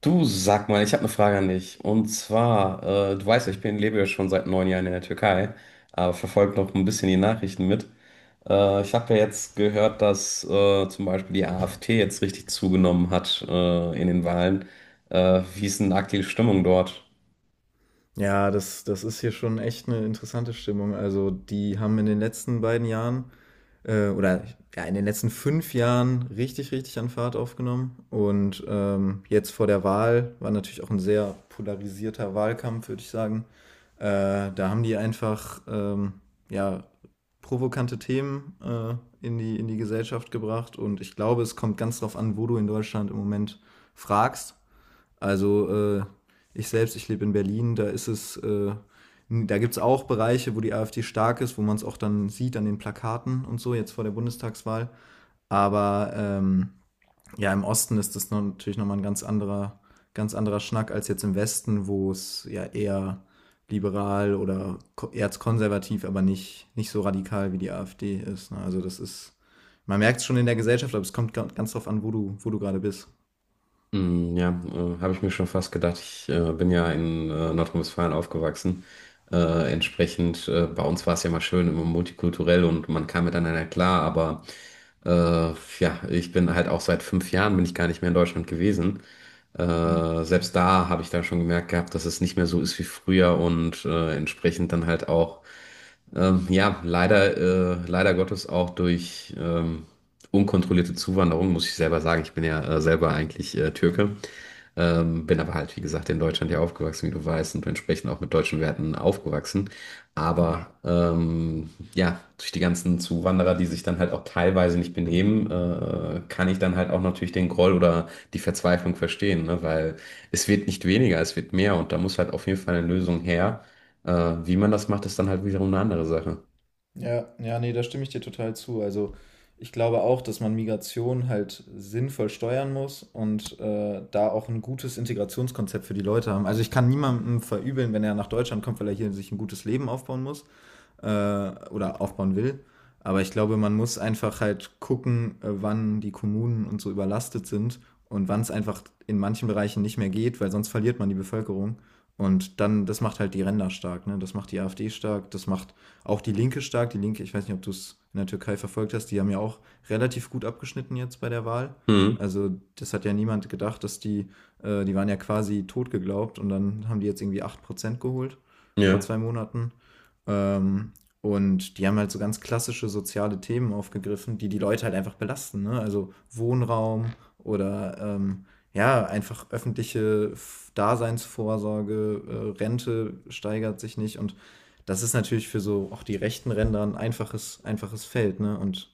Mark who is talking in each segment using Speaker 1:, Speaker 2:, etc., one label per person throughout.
Speaker 1: Du sag mal, ich habe eine Frage an dich. Und zwar, du weißt ja, lebe ja schon seit 9 Jahren in der Türkei, aber verfolge noch ein bisschen die Nachrichten mit. Ich habe ja jetzt gehört, dass zum Beispiel die AfD jetzt richtig zugenommen hat in den Wahlen. Wie ist denn aktuell die Stimmung dort?
Speaker 2: Ja, das ist hier schon echt eine interessante Stimmung. Also, die haben in den letzten beiden Jahren äh, oder ja, in den letzten 5 Jahren richtig an Fahrt aufgenommen. Und jetzt vor der Wahl war natürlich auch ein sehr polarisierter Wahlkampf, würde ich sagen. Da haben die einfach ja, provokante Themen in die Gesellschaft gebracht. Und ich glaube, es kommt ganz drauf an, wo du in Deutschland im Moment fragst. Also ich selbst, ich lebe in Berlin, da ist es, da gibt es auch Bereiche, wo die AfD stark ist, wo man es auch dann sieht an den Plakaten und so, jetzt vor der Bundestagswahl. Aber ja, im Osten ist das noch natürlich nochmal ein ganz anderer Schnack als jetzt im Westen, wo es ja eher liberal oder erzkonservativ, aber nicht so radikal wie die AfD ist. Ne? Also das ist, man merkt es schon in der Gesellschaft, aber es kommt ganz drauf an, wo du gerade bist.
Speaker 1: Mm, ja, habe ich mir schon fast gedacht. Ich bin ja in Nordrhein-Westfalen aufgewachsen. Entsprechend, bei uns war es ja mal schön, immer multikulturell und man kam miteinander klar. Aber äh, ja, ich bin halt auch seit 5 Jahren bin ich gar nicht mehr in Deutschland gewesen. Selbst da habe ich dann schon gemerkt gehabt, dass es nicht mehr so ist wie früher und entsprechend dann halt auch ja, leider, leider Gottes auch durch unkontrollierte Zuwanderung, muss ich selber sagen. Ich bin ja selber eigentlich Türke, bin aber halt, wie gesagt, in Deutschland ja aufgewachsen, wie du weißt, und entsprechend auch mit deutschen Werten aufgewachsen.
Speaker 2: Ja.
Speaker 1: Aber ja, durch die ganzen Zuwanderer, die sich dann halt auch teilweise nicht benehmen, kann ich dann halt auch natürlich den Groll oder die Verzweiflung verstehen, ne? Weil es wird nicht weniger, es wird mehr und da muss halt auf jeden Fall eine Lösung her. Wie man das macht, ist dann halt wiederum eine andere Sache.
Speaker 2: Ja, ja, ne, da stimme ich dir total zu. Also, ich glaube auch, dass man Migration halt sinnvoll steuern muss und, da auch ein gutes Integrationskonzept für die Leute haben. Also, ich kann niemandem verübeln, wenn er nach Deutschland kommt, weil er hier sich ein gutes Leben aufbauen muss äh, oder aufbauen will. Aber ich glaube, man muss einfach halt gucken, wann die Kommunen und so überlastet sind und wann es einfach in manchen Bereichen nicht mehr geht, weil sonst verliert man die Bevölkerung. Und dann, das macht halt die Ränder stark, ne? Das macht die AfD stark, das macht auch die Linke stark. Die Linke, ich weiß nicht, ob du es in der Türkei verfolgt hast, die haben ja auch relativ gut abgeschnitten jetzt bei der Wahl.
Speaker 1: Hm,
Speaker 2: Also das hat ja niemand gedacht, dass die waren ja quasi tot geglaubt und dann haben die jetzt irgendwie 8% geholt vor
Speaker 1: ja.
Speaker 2: 2 Monaten. Ähm, und die haben halt so ganz klassische soziale Themen aufgegriffen, die die Leute halt einfach belasten. Ne? Also Wohnraum oder ja, einfach öffentliche Daseinsvorsorge, Rente steigert sich nicht. Und das ist natürlich für so auch die rechten Ränder ein einfaches Feld. Ne? Und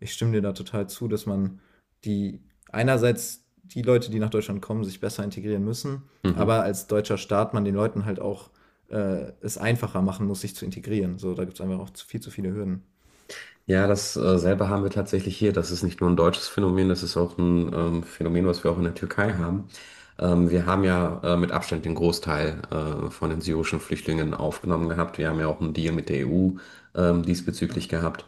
Speaker 2: ich stimme dir da total zu, dass man die einerseits die Leute, die nach Deutschland kommen, sich besser integrieren müssen,
Speaker 1: Mhm.
Speaker 2: aber als deutscher Staat man den Leuten halt auch es einfacher machen muss, sich zu integrieren. So, da gibt es einfach auch viel zu viele Hürden.
Speaker 1: Ja, das selber haben wir tatsächlich hier. Das ist nicht nur ein deutsches Phänomen, das ist auch ein Phänomen, was wir auch in der Türkei haben. Wir haben ja mit Abstand den Großteil von den syrischen Flüchtlingen aufgenommen gehabt. Wir haben ja auch einen Deal mit der EU diesbezüglich gehabt.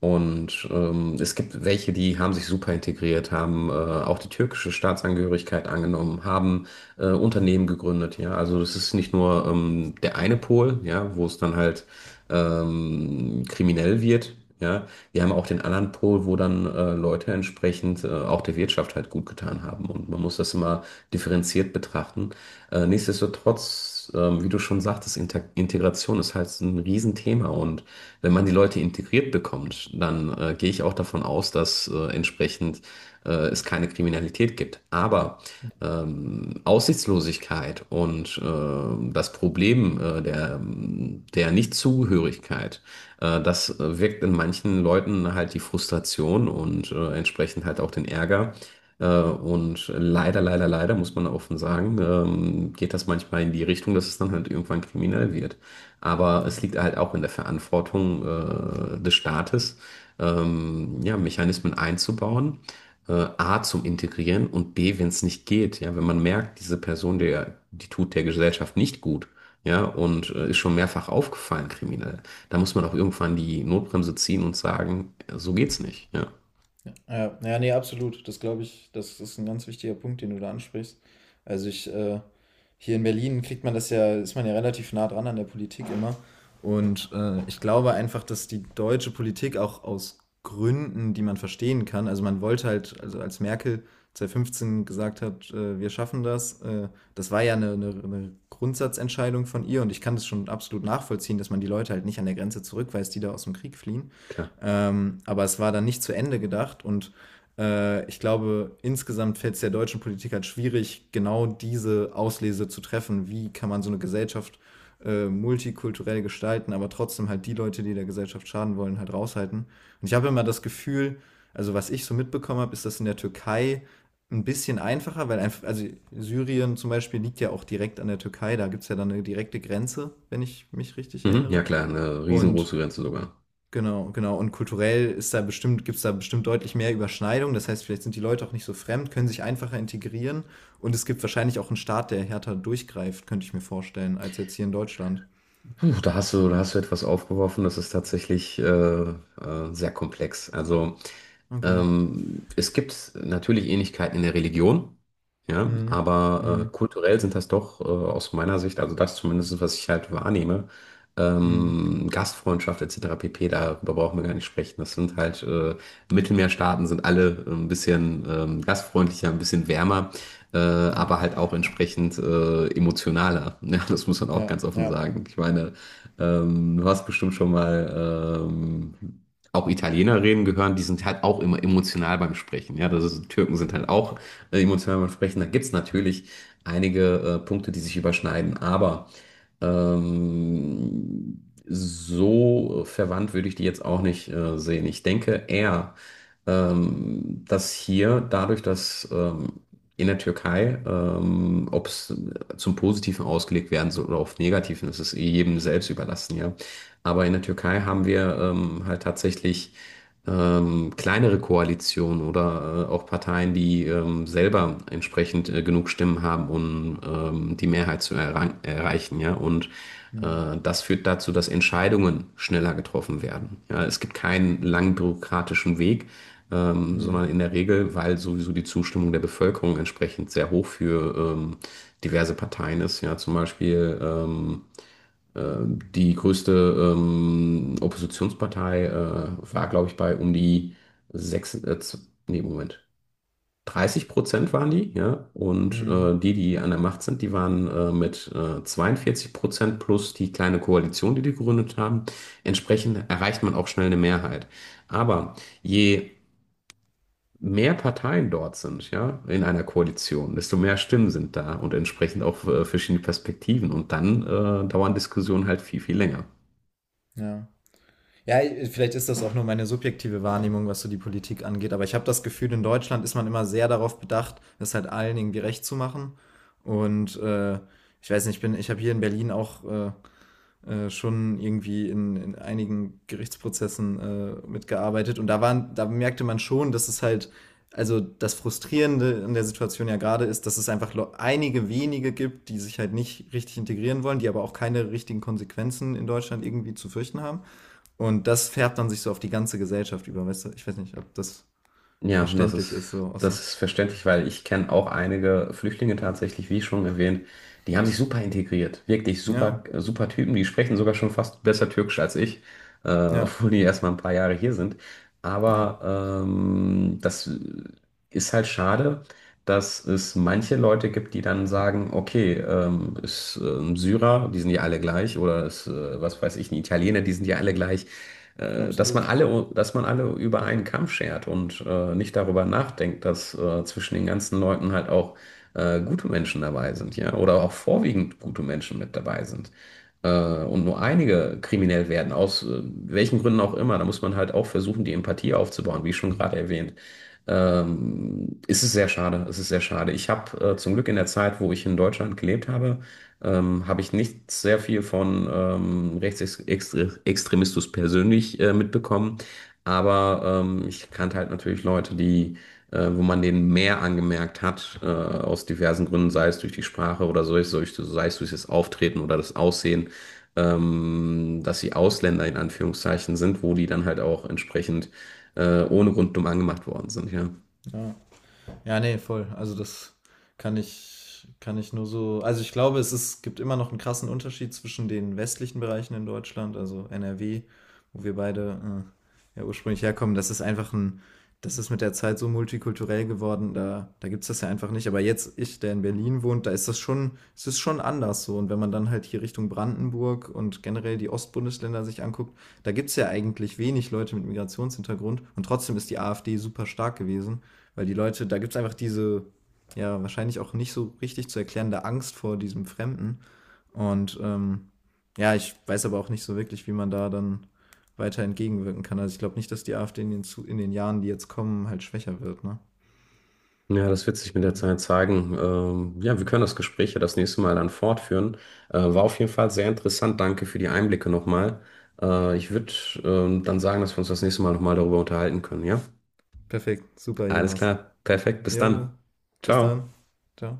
Speaker 1: Und es gibt welche, die haben sich super integriert, haben auch die türkische Staatsangehörigkeit angenommen, haben Unternehmen gegründet. Ja, also das ist nicht nur der eine Pol, ja, wo es dann halt kriminell wird. Ja, wir haben auch den anderen Pol, wo dann Leute entsprechend auch der Wirtschaft halt gut getan haben. Und man muss das immer differenziert betrachten. Nichtsdestotrotz, wie du schon sagtest, Inter Integration ist halt ein Riesenthema. Und wenn man die Leute integriert bekommt, dann gehe ich auch davon aus, dass entsprechend es keine Kriminalität gibt. Aber Aussichtslosigkeit und das Problem der Nichtzugehörigkeit, das wirkt in manchen Leuten halt die Frustration und entsprechend halt auch den Ärger. Und leider, leider, leider, muss man offen sagen, geht das manchmal in die Richtung, dass es dann halt irgendwann kriminell wird. Aber es
Speaker 2: Ja.
Speaker 1: liegt halt auch in der Verantwortung des Staates, ja, Mechanismen einzubauen A zum Integrieren und B, wenn es nicht geht, ja, wenn man merkt, diese Person, die tut der Gesellschaft nicht gut, ja, und ist schon mehrfach aufgefallen, kriminell, da muss man auch irgendwann die Notbremse ziehen und sagen, so geht's nicht, ja,
Speaker 2: Ja, ja, nee, absolut. Das glaube ich, das ist ein ganz wichtiger Punkt, den du da ansprichst. Also hier in Berlin kriegt man das ja, ist man ja relativ nah dran an der Politik immer. Und ich glaube einfach, dass die deutsche Politik auch aus Gründen, die man verstehen kann, also man wollte halt, also als Merkel 2015 gesagt hat, wir schaffen das, das war ja eine Grundsatzentscheidung von ihr und ich kann das schon absolut nachvollziehen, dass man die Leute halt nicht an der Grenze zurückweist, die da aus dem Krieg fliehen.
Speaker 1: klar.
Speaker 2: Aber es war dann nicht zu Ende gedacht und ich glaube, insgesamt fällt es der deutschen Politik halt schwierig, genau diese Auslese zu treffen. Wie kann man so eine Gesellschaft multikulturell gestalten, aber trotzdem halt die Leute, die der Gesellschaft schaden wollen, halt raushalten. Und ich habe immer das Gefühl, also was ich so mitbekommen habe, ist das in der Türkei ein bisschen einfacher, weil einfach, also Syrien zum Beispiel liegt ja auch direkt an der Türkei, da gibt es ja dann eine direkte Grenze, wenn ich mich richtig
Speaker 1: Mhm, ja,
Speaker 2: erinnere.
Speaker 1: klar, eine
Speaker 2: Und
Speaker 1: riesengroße Grenze sogar.
Speaker 2: genau, genau. Und kulturell ist da bestimmt, gibt's da bestimmt deutlich mehr Überschneidung. Das heißt, vielleicht sind die Leute auch nicht so fremd, können sich einfacher integrieren. Und es gibt wahrscheinlich auch einen Staat, der härter durchgreift, könnte ich mir vorstellen, als jetzt hier in Deutschland.
Speaker 1: Puh, da hast du etwas aufgeworfen, das ist tatsächlich sehr komplex. Also
Speaker 2: Okay.
Speaker 1: Es gibt natürlich Ähnlichkeiten in der Religion, ja,
Speaker 2: Mhm.
Speaker 1: aber
Speaker 2: Mhm.
Speaker 1: kulturell sind das doch aus meiner Sicht, also das zumindest, was ich halt wahrnehme,
Speaker 2: Mhm.
Speaker 1: Gastfreundschaft etc. pp., darüber brauchen wir gar nicht sprechen. Das sind halt Mittelmeerstaaten, sind alle ein bisschen gastfreundlicher, ein bisschen wärmer,
Speaker 2: Ja.
Speaker 1: aber halt auch entsprechend emotionaler. Ja, das muss man auch
Speaker 2: Ja.
Speaker 1: ganz offen
Speaker 2: Ja.
Speaker 1: sagen. Ich meine, du hast bestimmt schon mal auch Italiener reden gehören, die sind halt auch immer emotional beim Sprechen. Ja, Türken sind halt auch emotional beim Sprechen. Da gibt es natürlich einige Punkte, die sich überschneiden, aber so verwandt würde ich die jetzt auch nicht sehen. Ich denke eher, dass hier dadurch, dass in der Türkei, ob es zum Positiven ausgelegt werden soll oder auf Negativen, das ist eh jedem selbst überlassen, ja. Aber in der Türkei haben wir halt tatsächlich kleinere Koalitionen oder auch Parteien, die selber entsprechend genug Stimmen haben, um die Mehrheit zu erreichen, ja. Und
Speaker 2: Mhm.
Speaker 1: das führt dazu, dass Entscheidungen schneller getroffen werden. Ja, es gibt keinen langen bürokratischen Weg,
Speaker 2: Mhm.
Speaker 1: sondern in der Regel, weil sowieso die Zustimmung der Bevölkerung entsprechend sehr hoch für diverse Parteien ist. Ja, zum Beispiel die größte Oppositionspartei war, glaube ich, bei um die 6. Nee, Moment, 30% waren die, ja. Und
Speaker 2: Mhm.
Speaker 1: die, die an der Macht sind, die waren mit 42% plus die kleine Koalition, die die gegründet haben. Entsprechend erreicht man auch schnell eine Mehrheit. Aber je mehr Parteien dort sind, ja, in einer Koalition, desto mehr Stimmen sind da und entsprechend auch verschiedene Perspektiven. Und dann dauern Diskussionen halt viel, viel länger.
Speaker 2: Ja. Ja, vielleicht ist das auch nur meine subjektive Wahrnehmung, was so die Politik angeht, aber ich habe das Gefühl, in Deutschland ist man immer sehr darauf bedacht, es halt allen irgendwie recht zu machen. Und ich weiß nicht, ich bin, ich habe hier in Berlin auch schon irgendwie in einigen Gerichtsprozessen mitgearbeitet und da waren, da merkte man schon, dass es halt, also das Frustrierende in der Situation ja gerade ist, dass es einfach einige wenige gibt, die sich halt nicht richtig integrieren wollen, die aber auch keine richtigen Konsequenzen in Deutschland irgendwie zu fürchten haben. Und das färbt dann sich so auf die ganze Gesellschaft über, weißt du? Ich weiß nicht, ob das
Speaker 1: Ja,
Speaker 2: verständlich ist, so.
Speaker 1: das ist verständlich, weil ich kenne auch einige Flüchtlinge tatsächlich, wie schon erwähnt, die haben sich super integriert. Wirklich
Speaker 2: Ja,
Speaker 1: super, super Typen, die sprechen sogar schon fast besser Türkisch als ich, äh,
Speaker 2: ja,
Speaker 1: obwohl die erst mal ein paar Jahre hier sind.
Speaker 2: ja,
Speaker 1: Aber das ist halt schade, dass es manche Leute gibt, die dann sagen, okay, ist ein Syrer, die sind ja alle gleich, oder ist, was weiß ich, ein Italiener, die sind ja alle gleich
Speaker 2: absolut.
Speaker 1: dass man alle über einen Kamm schert und nicht darüber nachdenkt, dass zwischen den ganzen Leuten halt auch gute Menschen dabei sind, ja, oder auch vorwiegend gute Menschen mit dabei sind. Äh, und nur einige kriminell werden, aus welchen Gründen auch immer. Da muss man halt auch versuchen, die Empathie aufzubauen, wie schon gerade erwähnt. Ist Es ist sehr schade, es ist sehr schade. Ich habe zum Glück in der Zeit, wo ich in Deutschland gelebt habe, habe ich nicht sehr viel von Rechtsextremismus persönlich mitbekommen, aber ich kannte halt natürlich Leute, die, wo man denen mehr angemerkt hat, aus diversen Gründen, sei es durch die Sprache oder so, sei es durch das Auftreten oder das Aussehen, dass sie Ausländer in Anführungszeichen sind, wo die dann halt auch entsprechend ohne Grund dumm angemacht worden sind, ja.
Speaker 2: Ja. Ja, nee, voll. Also das kann ich nur so. Also ich glaube, es ist, gibt immer noch einen krassen Unterschied zwischen den westlichen Bereichen in Deutschland, also NRW, wo wir beide ja ursprünglich herkommen. Das ist das ist mit der Zeit so multikulturell geworden, da gibt es das ja einfach nicht. Aber jetzt, ich, der in Berlin wohnt, da ist das schon, es ist schon anders so. Und wenn man dann halt hier Richtung Brandenburg und generell die Ostbundesländer sich anguckt, da gibt es ja eigentlich wenig Leute mit Migrationshintergrund und trotzdem ist die AfD super stark gewesen. Weil die Leute, da gibt es einfach diese, ja, wahrscheinlich auch nicht so richtig zu erklärende Angst vor diesem Fremden. Und ja, ich weiß aber auch nicht so wirklich, wie man da dann weiter entgegenwirken kann. Also ich glaube nicht, dass die AfD in in den Jahren, die jetzt kommen, halt schwächer wird, ne?
Speaker 1: Ja, das wird sich mit der Zeit zeigen. Ja, wir können das Gespräch ja das nächste Mal dann fortführen. War auf jeden Fall sehr interessant. Danke für die Einblicke nochmal. Ich würde dann sagen, dass wir uns das nächste Mal nochmal darüber unterhalten können. Ja,
Speaker 2: Perfekt, super,
Speaker 1: alles
Speaker 2: jemals.
Speaker 1: klar. Perfekt. Bis dann.
Speaker 2: Jo, bis
Speaker 1: Ciao.
Speaker 2: dann. Ciao.